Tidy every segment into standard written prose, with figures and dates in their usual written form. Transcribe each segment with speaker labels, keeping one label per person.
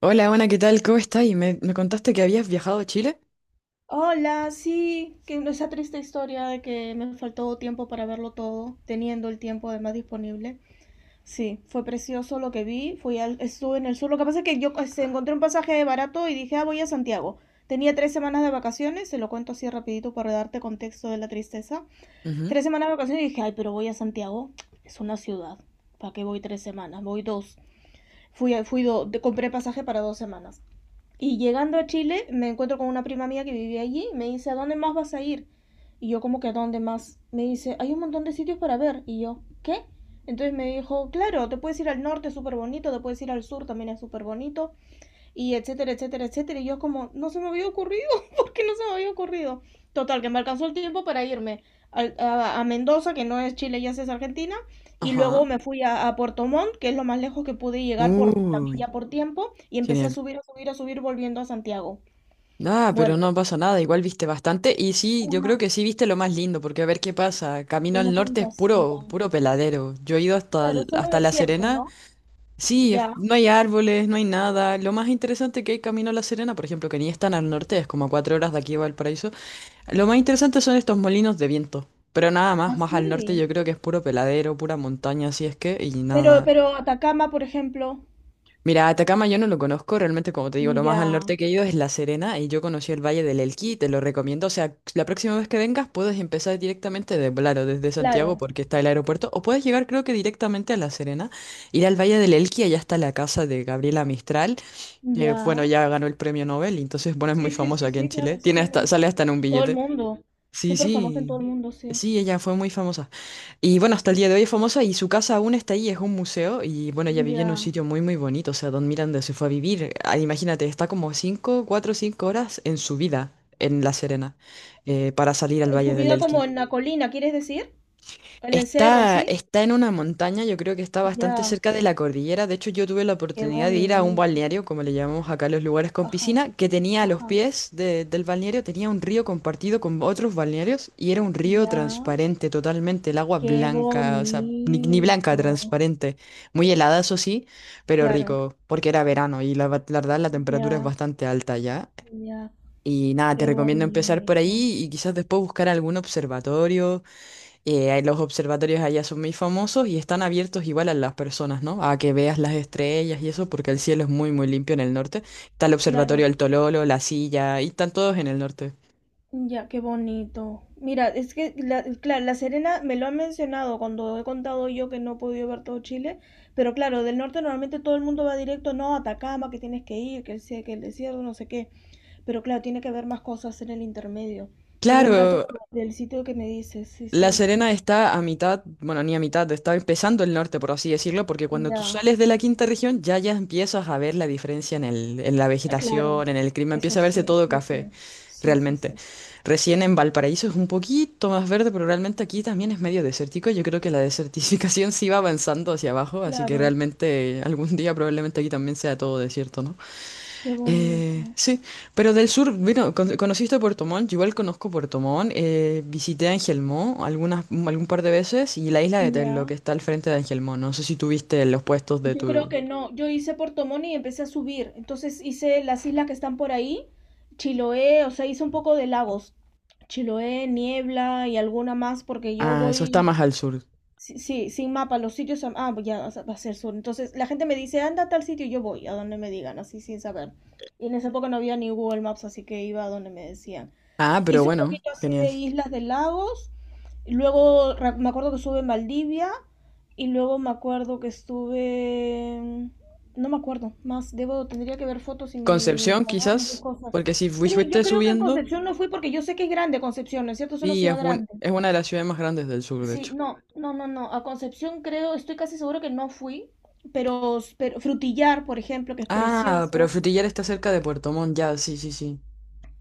Speaker 1: Hola, Ana, ¿qué tal? ¿Cómo estás? Y me contaste que habías viajado a Chile.
Speaker 2: Hola, sí, que no, esa triste historia de que me faltó tiempo para verlo todo, teniendo el tiempo además disponible. Sí, fue precioso lo que vi, estuve en el sur. Lo que pasa es que yo encontré un pasaje barato y dije, ah, voy a Santiago. Tenía 3 semanas de vacaciones, se lo cuento así rapidito para darte contexto de la tristeza.
Speaker 1: Ujú.
Speaker 2: 3 semanas de vacaciones y dije, ay, pero voy a Santiago, es una ciudad. ¿Para qué voy 3 semanas? Voy dos. Fui, a- fui do- de- compré pasaje para 2 semanas. Y llegando a Chile me encuentro con una prima mía que vivía allí y me dice, ¿a dónde más vas a ir? Y yo como que a dónde más. Me dice, hay un montón de sitios para ver. Y yo, ¿qué? Entonces me dijo, claro, te puedes ir al norte, es súper bonito, te puedes ir al sur, también es súper bonito, y etcétera, etcétera, etcétera. Y yo como, no se me había ocurrido, porque no se me había ocurrido. Total, que me alcanzó el tiempo para irme a Mendoza, que no es Chile, ya es Argentina, y luego
Speaker 1: Ajá.
Speaker 2: me fui a Puerto Montt, que es lo más lejos que pude llegar por, también ya
Speaker 1: Uy,
Speaker 2: por tiempo, y empecé a
Speaker 1: genial.
Speaker 2: subir, a subir, a subir, volviendo a Santiago.
Speaker 1: Ah,
Speaker 2: Bueno,
Speaker 1: pero no pasa nada, igual viste bastante. Y sí, yo creo
Speaker 2: una,
Speaker 1: que sí viste lo más lindo, porque a ver qué pasa. Camino
Speaker 2: una
Speaker 1: al norte es puro,
Speaker 2: fantasía.
Speaker 1: puro peladero. Yo he ido
Speaker 2: Claro, solo
Speaker 1: hasta La
Speaker 2: desierto,
Speaker 1: Serena.
Speaker 2: ¿no?
Speaker 1: Sí,
Speaker 2: Ya,
Speaker 1: no hay árboles, no hay nada. Lo más interesante que hay camino a La Serena, por ejemplo, que ni es tan al norte, es como a 4 horas de aquí a Valparaíso. Lo más interesante son estos molinos de viento. Pero nada más, más al norte
Speaker 2: así.
Speaker 1: yo creo que es puro peladero, pura montaña, así es que, y
Speaker 2: Pero,
Speaker 1: nada.
Speaker 2: pero Atacama, por ejemplo,
Speaker 1: Mira, Atacama yo no lo conozco, realmente como te digo, lo más al
Speaker 2: ya,
Speaker 1: norte que he ido es La Serena y yo conocí el Valle del Elqui, te lo recomiendo, o sea, la próxima vez que vengas puedes empezar directamente de Blaro, desde Santiago
Speaker 2: claro,
Speaker 1: porque está el aeropuerto, o puedes llegar creo que directamente a La Serena, ir al Valle del Elqui, allá está la casa de Gabriela Mistral, que
Speaker 2: ya.
Speaker 1: bueno, ya ganó el premio Nobel, y entonces bueno, es muy
Speaker 2: Sí, sí,
Speaker 1: famosa
Speaker 2: sí,
Speaker 1: aquí
Speaker 2: sí,
Speaker 1: en Chile,
Speaker 2: claro, sé
Speaker 1: tiene
Speaker 2: quién
Speaker 1: hasta,
Speaker 2: es.
Speaker 1: sale hasta en un
Speaker 2: Todo el
Speaker 1: billete.
Speaker 2: mundo.
Speaker 1: Sí,
Speaker 2: Súper famoso en todo el
Speaker 1: sí,
Speaker 2: mundo, sí.
Speaker 1: sí, ella fue muy famosa. Y bueno, hasta el día de hoy es famosa y su casa aún está ahí, es un museo y bueno, ella vivía en un
Speaker 2: Ya.
Speaker 1: sitio muy, muy bonito, o sea, Don Miranda se fue a vivir, ah, imagínate, está como 5 4 5 horas en su vida en La Serena, para salir al Valle
Speaker 2: Su
Speaker 1: del
Speaker 2: vida como
Speaker 1: Elqui.
Speaker 2: en la colina, ¿quieres decir? En el cerro,
Speaker 1: Está,
Speaker 2: ¿sí?
Speaker 1: está en una montaña, yo creo que está bastante
Speaker 2: Ya.
Speaker 1: cerca de la cordillera. De hecho, yo tuve la
Speaker 2: Qué
Speaker 1: oportunidad de ir a un
Speaker 2: bonito.
Speaker 1: balneario, como le llamamos acá a los lugares con
Speaker 2: Ajá,
Speaker 1: piscina, que tenía a los
Speaker 2: ajá.
Speaker 1: pies del balneario, tenía un río compartido con otros balnearios y era un río
Speaker 2: Ya.
Speaker 1: transparente totalmente, el agua
Speaker 2: Qué
Speaker 1: blanca, o sea, ni, ni blanca,
Speaker 2: bonito.
Speaker 1: transparente. Muy helada, eso sí, pero
Speaker 2: Claro.
Speaker 1: rico, porque era verano y la verdad la temperatura es
Speaker 2: Ya,
Speaker 1: bastante alta ya.
Speaker 2: ya.
Speaker 1: Y nada, te
Speaker 2: Qué
Speaker 1: recomiendo empezar por
Speaker 2: bonito.
Speaker 1: ahí y quizás después buscar algún observatorio, los observatorios allá son muy famosos y están abiertos igual a las personas, ¿no? A que veas las estrellas y eso, porque el cielo es muy, muy limpio en el norte. Está el observatorio
Speaker 2: Claro.
Speaker 1: del Tololo, La Silla, y están todos en el norte.
Speaker 2: Ya, qué bonito. Mira, es que, claro, La Serena me lo ha mencionado cuando he contado yo que no he podido ver todo Chile, pero claro, del norte normalmente todo el mundo va directo, no, Atacama, que tienes que ir, que el desierto, no sé qué, pero claro, tiene que haber más cosas en el intermedio. Qué buen dato
Speaker 1: Claro,
Speaker 2: lo del sitio que me dices, sí,
Speaker 1: La
Speaker 2: sí.
Speaker 1: Serena está a mitad, bueno, ni a mitad, está empezando el norte, por así decirlo, porque cuando tú
Speaker 2: Ya,
Speaker 1: sales de la quinta región ya empiezas a ver la diferencia en el, en la
Speaker 2: claro,
Speaker 1: vegetación, en el clima,
Speaker 2: eso
Speaker 1: empieza a verse
Speaker 2: sí,
Speaker 1: todo
Speaker 2: sí,
Speaker 1: café,
Speaker 2: sí, sí, sí, sí.
Speaker 1: realmente. Recién en Valparaíso es un poquito más verde, pero realmente aquí también es medio desértico. Yo creo que la desertificación sí va avanzando hacia abajo, así que
Speaker 2: Claro,
Speaker 1: realmente algún día probablemente aquí también sea todo desierto, ¿no?
Speaker 2: qué
Speaker 1: Eh,
Speaker 2: bonito.
Speaker 1: sí, pero del sur, bueno, conociste Puerto Montt, yo igual conozco Puerto Montt, visité Angelmó algunas, algún par de veces y la isla de Tello que
Speaker 2: Ya.
Speaker 1: está al frente de Angelmó, no sé si tuviste los puestos de
Speaker 2: Yo
Speaker 1: tu...
Speaker 2: creo que no. Yo hice Puerto Montt y empecé a subir. Entonces hice las islas que están por ahí, Chiloé, o sea, hice un poco de lagos. Chiloé, Niebla y alguna más, porque yo
Speaker 1: Ah, eso está
Speaker 2: voy,
Speaker 1: más al sur.
Speaker 2: sí, sí, sin mapa, los sitios, ya o sea, va a ser sur. Entonces la gente me dice, anda a tal sitio, y yo voy, a donde me digan, así sin saber. Y en esa época no había ni Google Maps, así que iba a donde me decían.
Speaker 1: Ah, pero
Speaker 2: Hice un
Speaker 1: bueno,
Speaker 2: poquito así
Speaker 1: genial.
Speaker 2: de Islas de Lagos, y luego me acuerdo que estuve en Valdivia y luego me acuerdo que estuve. No me acuerdo más, debo, tendría que ver fotos y mi
Speaker 1: Concepción quizás,
Speaker 2: cuadernos y cosas.
Speaker 1: porque si
Speaker 2: Yo
Speaker 1: fuiste
Speaker 2: creo que a
Speaker 1: subiendo,
Speaker 2: Concepción no fui porque yo sé que es grande Concepción, ¿no es cierto? Es una
Speaker 1: y es,
Speaker 2: ciudad grande.
Speaker 1: es una de las ciudades más grandes del sur, de
Speaker 2: Sí,
Speaker 1: hecho.
Speaker 2: no, no, no, no. A Concepción creo, estoy casi seguro que no fui, pero Frutillar, por ejemplo, que es
Speaker 1: Ah, pero
Speaker 2: precioso.
Speaker 1: Frutillar está cerca de Puerto Montt, ya, sí, sí, sí.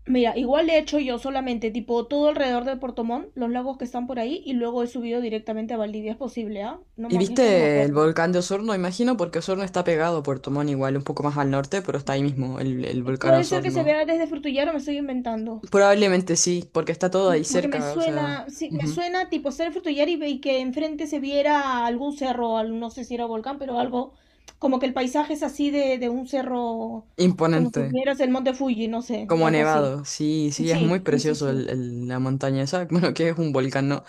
Speaker 2: Mira, igual he hecho yo solamente, tipo, todo alrededor de Puerto Montt, los lagos que están por ahí, y luego he subido directamente a Valdivia, es posible, ¿ah? No
Speaker 1: ¿Y
Speaker 2: ma- es que no me
Speaker 1: viste el
Speaker 2: acuerdo.
Speaker 1: volcán de Osorno, imagino? Porque Osorno está pegado a Puerto Montt igual, un poco más al norte, pero está ahí mismo el volcán
Speaker 2: Puede ser que se
Speaker 1: Osorno.
Speaker 2: vea desde Frutillar o me estoy inventando.
Speaker 1: Probablemente sí, porque está todo ahí
Speaker 2: Porque me
Speaker 1: cerca, o sea,
Speaker 2: suena, sí, me
Speaker 1: ujú.
Speaker 2: suena tipo ser Frutillar y que enfrente se viera algún cerro, no sé si era volcán, pero algo, como que el paisaje es así de un cerro, como si
Speaker 1: Imponente,
Speaker 2: vieras el monte Fuji, no sé,
Speaker 1: como
Speaker 2: algo así.
Speaker 1: nevado. Sí, sí, es muy
Speaker 2: Sí, sí, sí,
Speaker 1: precioso
Speaker 2: sí.
Speaker 1: la montaña esa. Bueno, que es un volcán, ¿no?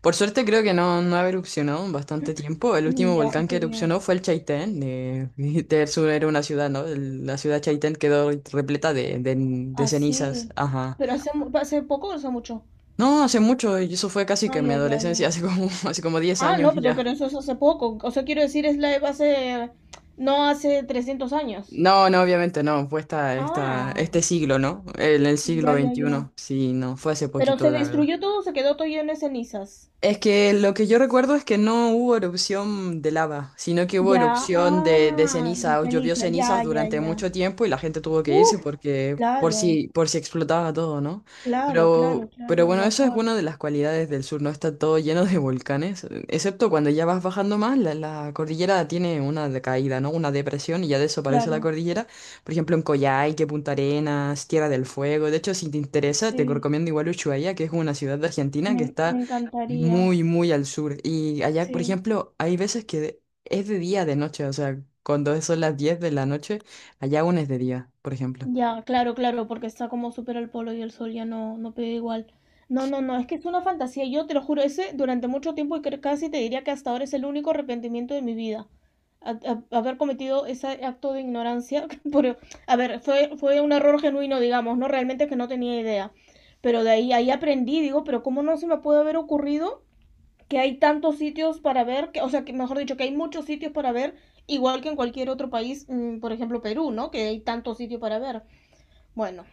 Speaker 1: Por suerte creo que no, no ha erupcionado en bastante tiempo. El
Speaker 2: Mm,
Speaker 1: último
Speaker 2: ya,
Speaker 1: volcán que
Speaker 2: qué bien.
Speaker 1: erupcionó fue el Chaitén. Del sur era una ciudad, ¿no? La ciudad Chaitén quedó repleta de, de cenizas.
Speaker 2: Así.
Speaker 1: Ajá.
Speaker 2: ¿Pero hace poco o hace mucho?
Speaker 1: No, hace mucho, y eso fue casi que
Speaker 2: Ah,
Speaker 1: en mi
Speaker 2: ya, ya,
Speaker 1: adolescencia,
Speaker 2: ya.
Speaker 1: hace como, hace como 10
Speaker 2: Ah,
Speaker 1: años
Speaker 2: no, pero,
Speaker 1: ya.
Speaker 2: pero eso es hace poco. O sea, quiero decir, no hace 300 años.
Speaker 1: No, no, obviamente no, fue esta, esta,
Speaker 2: Ah,
Speaker 1: este siglo, ¿no? El siglo
Speaker 2: ya, ya, ya.
Speaker 1: veintiuno, sí, no, fue hace
Speaker 2: Pero
Speaker 1: poquito,
Speaker 2: se
Speaker 1: la verdad.
Speaker 2: destruyó todo, se quedó todo lleno de cenizas.
Speaker 1: Es que lo que yo recuerdo es que no hubo erupción de lava, sino que hubo
Speaker 2: Ya,
Speaker 1: erupción de
Speaker 2: ah, de
Speaker 1: ceniza, o llovió
Speaker 2: ceniza,
Speaker 1: cenizas
Speaker 2: ya, ya,
Speaker 1: durante
Speaker 2: ya.
Speaker 1: mucho tiempo y la gente tuvo que irse
Speaker 2: Uf,
Speaker 1: porque
Speaker 2: claro,
Speaker 1: por si explotaba todo, ¿no?
Speaker 2: claro, claro,
Speaker 1: Pero
Speaker 2: claro,
Speaker 1: bueno, eso es
Speaker 2: evacuar,
Speaker 1: una de las cualidades del sur, no está todo lleno de volcanes, excepto cuando ya vas bajando más, la cordillera tiene una decaída, ¿no? Una depresión y ya desaparece la
Speaker 2: claro.
Speaker 1: cordillera. Por ejemplo, en Coyhaique, Punta Arenas, Tierra del Fuego. De hecho, si te interesa, te
Speaker 2: Sí,
Speaker 1: recomiendo igual Ushuaia, que es una ciudad de Argentina
Speaker 2: me,
Speaker 1: que está
Speaker 2: me encantaría,
Speaker 1: muy, muy al sur. Y allá, por
Speaker 2: sí.
Speaker 1: ejemplo, hay veces que es de día, de noche. O sea, cuando son las 10 de la noche, allá aún es de día, por ejemplo.
Speaker 2: Ya, claro, claro, porque está como súper al polo y el sol ya no, no pega igual. No, no, no, es que es una fantasía. Yo te lo juro, ese durante mucho tiempo y casi te diría que hasta ahora es el único arrepentimiento de mi vida. A- haber cometido ese acto de ignorancia. Por, a ver, fue un error genuino, digamos, ¿no? Realmente que no tenía idea. Pero de ahí aprendí, digo, pero ¿cómo no se me puede haber ocurrido que hay tantos sitios para ver, que, o sea, que mejor dicho, que hay muchos sitios para ver, igual que en cualquier otro país, por ejemplo, Perú, ¿no? Que hay tantos sitios para ver. Bueno,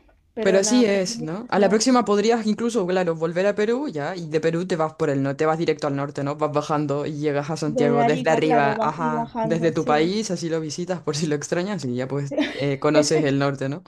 Speaker 1: Pero
Speaker 2: pero
Speaker 1: así
Speaker 2: nada, pero es
Speaker 1: es,
Speaker 2: mi
Speaker 1: ¿no? A la
Speaker 2: versión.
Speaker 1: próxima podrías incluso, claro, volver a Perú, ya. Y de Perú te vas por el norte, te vas directo al norte, ¿no? Vas bajando y llegas a
Speaker 2: Desde
Speaker 1: Santiago desde
Speaker 2: Arica,
Speaker 1: arriba,
Speaker 2: claro, va, y
Speaker 1: ajá. Desde
Speaker 2: bajando,
Speaker 1: tu
Speaker 2: sí.
Speaker 1: país, así lo visitas por si lo extrañas y ya pues conoces el norte, ¿no?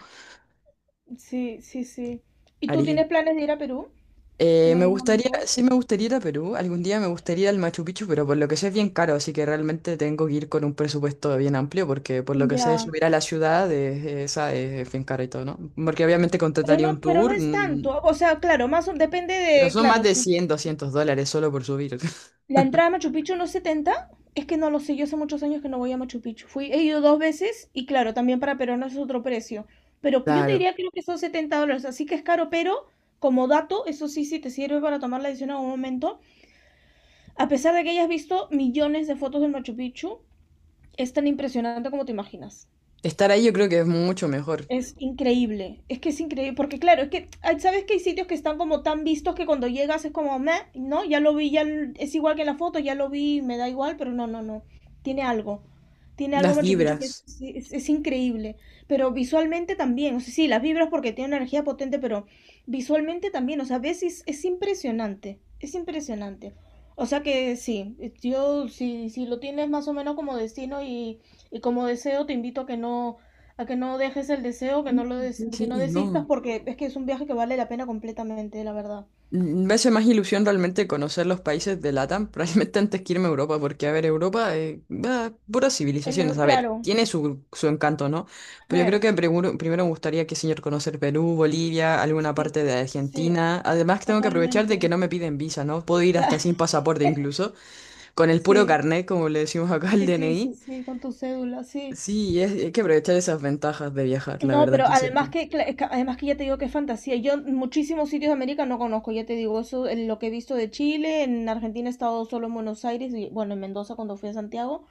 Speaker 2: Sí, sí, sí. ¿Y tú tienes planes de ir a Perú en
Speaker 1: Me
Speaker 2: algún
Speaker 1: gustaría,
Speaker 2: momento?
Speaker 1: sí me gustaría ir a Perú, algún día me gustaría ir al Machu Picchu, pero por lo que sé es bien caro, así que realmente tengo que ir con un presupuesto bien amplio, porque por lo que sé
Speaker 2: Ya,
Speaker 1: subir a la ciudad es, esa es bien caro y todo, ¿no? Porque obviamente contrataría un
Speaker 2: pero no
Speaker 1: tour,
Speaker 2: es tanto. O sea, claro, depende
Speaker 1: pero
Speaker 2: de,
Speaker 1: son más
Speaker 2: claro,
Speaker 1: de
Speaker 2: sí.
Speaker 1: $100 $200 solo por subir.
Speaker 2: La entrada a Machu Picchu no es 70, es que no lo sé, yo hace muchos años que no voy a Machu Picchu. He ido dos veces y claro, también para peruanos es otro precio. Pero que yo te
Speaker 1: Claro,
Speaker 2: diría creo que son $70, así que es caro, pero como dato, eso sí, sí te sirve para tomar la decisión en algún momento. A pesar de que hayas visto millones de fotos del Machu Picchu, es tan impresionante como te imaginas.
Speaker 1: estar ahí yo creo que es mucho mejor.
Speaker 2: Es increíble, es que es increíble, porque claro, es que, ay, ¿sabes que hay sitios que están como tan vistos que cuando llegas es como, meh, no, ya lo vi, es igual que en la foto, ya lo vi, me da igual, pero no, no, no, tiene algo, tiene algo
Speaker 1: Las
Speaker 2: Machu Picchu que es,
Speaker 1: vibras.
Speaker 2: es increíble, pero visualmente también, o sea, sí, las vibras porque tiene una energía potente, pero visualmente también, o sea, ves, es impresionante, es impresionante, o sea que sí, si, si lo tienes más o menos como destino y como deseo, te invito a que no dejes el deseo,
Speaker 1: Sí,
Speaker 2: que no
Speaker 1: sí,
Speaker 2: desistas,
Speaker 1: no.
Speaker 2: porque es que es un viaje que vale la pena completamente, la verdad.
Speaker 1: Me hace más ilusión realmente conocer los países de LATAM, realmente antes que irme a Europa, porque, a ver, Europa, bah, puras
Speaker 2: En
Speaker 1: civilizaciones,
Speaker 2: Eu-
Speaker 1: a
Speaker 2: claro,
Speaker 1: ver, tiene su, su encanto, ¿no? Pero yo
Speaker 2: eh,
Speaker 1: creo que primero, primero me gustaría que señor conocer Perú, Bolivia, alguna
Speaker 2: sí,
Speaker 1: parte de
Speaker 2: sí,
Speaker 1: Argentina. Además, tengo que aprovechar de que
Speaker 2: totalmente.
Speaker 1: no me piden visa, ¿no? Puedo ir hasta
Speaker 2: Cla-
Speaker 1: sin pasaporte incluso, con el puro
Speaker 2: Sí,
Speaker 1: carnet, como le decimos acá al
Speaker 2: sí, sí, sí,
Speaker 1: DNI.
Speaker 2: sí, con tu cédula, sí.
Speaker 1: Sí, hay que aprovechar esas ventajas de viajar, la
Speaker 2: No,
Speaker 1: verdad,
Speaker 2: pero
Speaker 1: aquí
Speaker 2: además
Speaker 1: cerca.
Speaker 2: que, cla- es que- además que ya te digo que es fantasía. Yo muchísimos sitios de América no conozco, ya te digo, eso, lo que he visto de Chile, en Argentina he estado solo en Buenos Aires y bueno, en Mendoza cuando fui a Santiago. O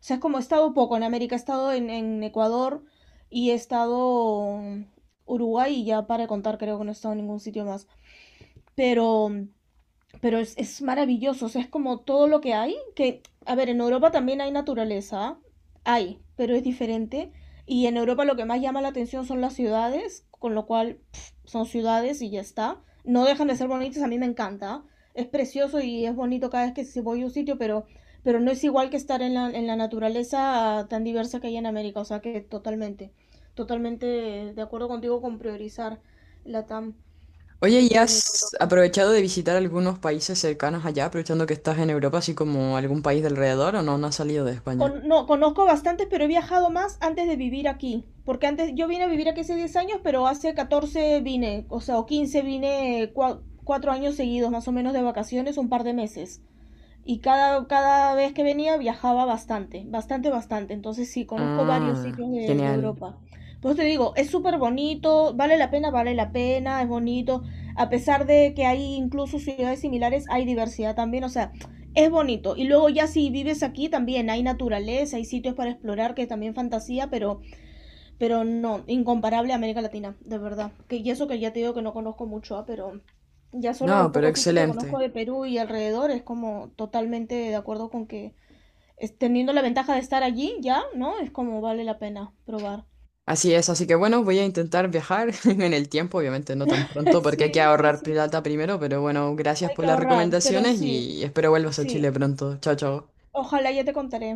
Speaker 2: sea, es como he estado poco en América, he estado en Ecuador y he estado Uruguay y ya para contar creo que no he estado en ningún sitio más. Pero um, pero es maravilloso, o sea, es como todo lo que hay, que, a ver, en Europa también hay naturaleza, hay, pero es diferente. Y en Europa lo que más llama la atención son las ciudades, con lo cual pff, son ciudades y ya está. No dejan de ser bonitas, a mí me encanta. Es precioso y es bonito cada vez que si voy a un sitio, pero no es igual que estar en la naturaleza tan diversa que hay en América. O sea que totalmente, totalmente de acuerdo contigo con priorizar la TAM
Speaker 1: Oye,
Speaker 2: antes
Speaker 1: ¿y
Speaker 2: que venir a
Speaker 1: has
Speaker 2: Europa.
Speaker 1: aprovechado de visitar algunos países cercanos allá, aprovechando que estás en Europa, así como algún país de alrededor, o no, no has salido de España?
Speaker 2: No, conozco bastantes, pero he viajado más antes de vivir aquí. Porque antes yo vine a vivir aquí hace 10 años, pero hace 14 vine, o sea, o 15 vine 4 años seguidos, más o menos de vacaciones, un par de meses y cada vez que venía viajaba bastante, bastante, bastante. Entonces sí, conozco varios
Speaker 1: Ah,
Speaker 2: sitios de
Speaker 1: genial.
Speaker 2: Europa. Por eso te digo, es súper bonito, vale la pena, es bonito. A pesar de que hay incluso ciudades similares, hay diversidad también, o sea, es bonito. Y luego ya si vives aquí también hay naturaleza, hay sitios para explorar que también fantasía, pero no, incomparable a América Latina, de verdad. Que, y eso que ya te digo que no conozco mucho, pero ya solo los
Speaker 1: No, pero
Speaker 2: pocos sitios que conozco
Speaker 1: excelente.
Speaker 2: de Perú y alrededor es como totalmente de acuerdo con que teniendo la ventaja de estar allí ya, ¿no? Es como vale la pena probar.
Speaker 1: Así es, así que bueno, voy a intentar viajar en el tiempo, obviamente no tan pronto, porque hay que
Speaker 2: Sí, sí,
Speaker 1: ahorrar
Speaker 2: sí.
Speaker 1: plata primero, pero bueno, gracias
Speaker 2: Hay
Speaker 1: por
Speaker 2: que
Speaker 1: las
Speaker 2: ahorrar, pero
Speaker 1: recomendaciones
Speaker 2: sí,
Speaker 1: y espero vuelvas a Chile
Speaker 2: sí.
Speaker 1: pronto. Chao, chao.
Speaker 2: Ojalá ya te contaré.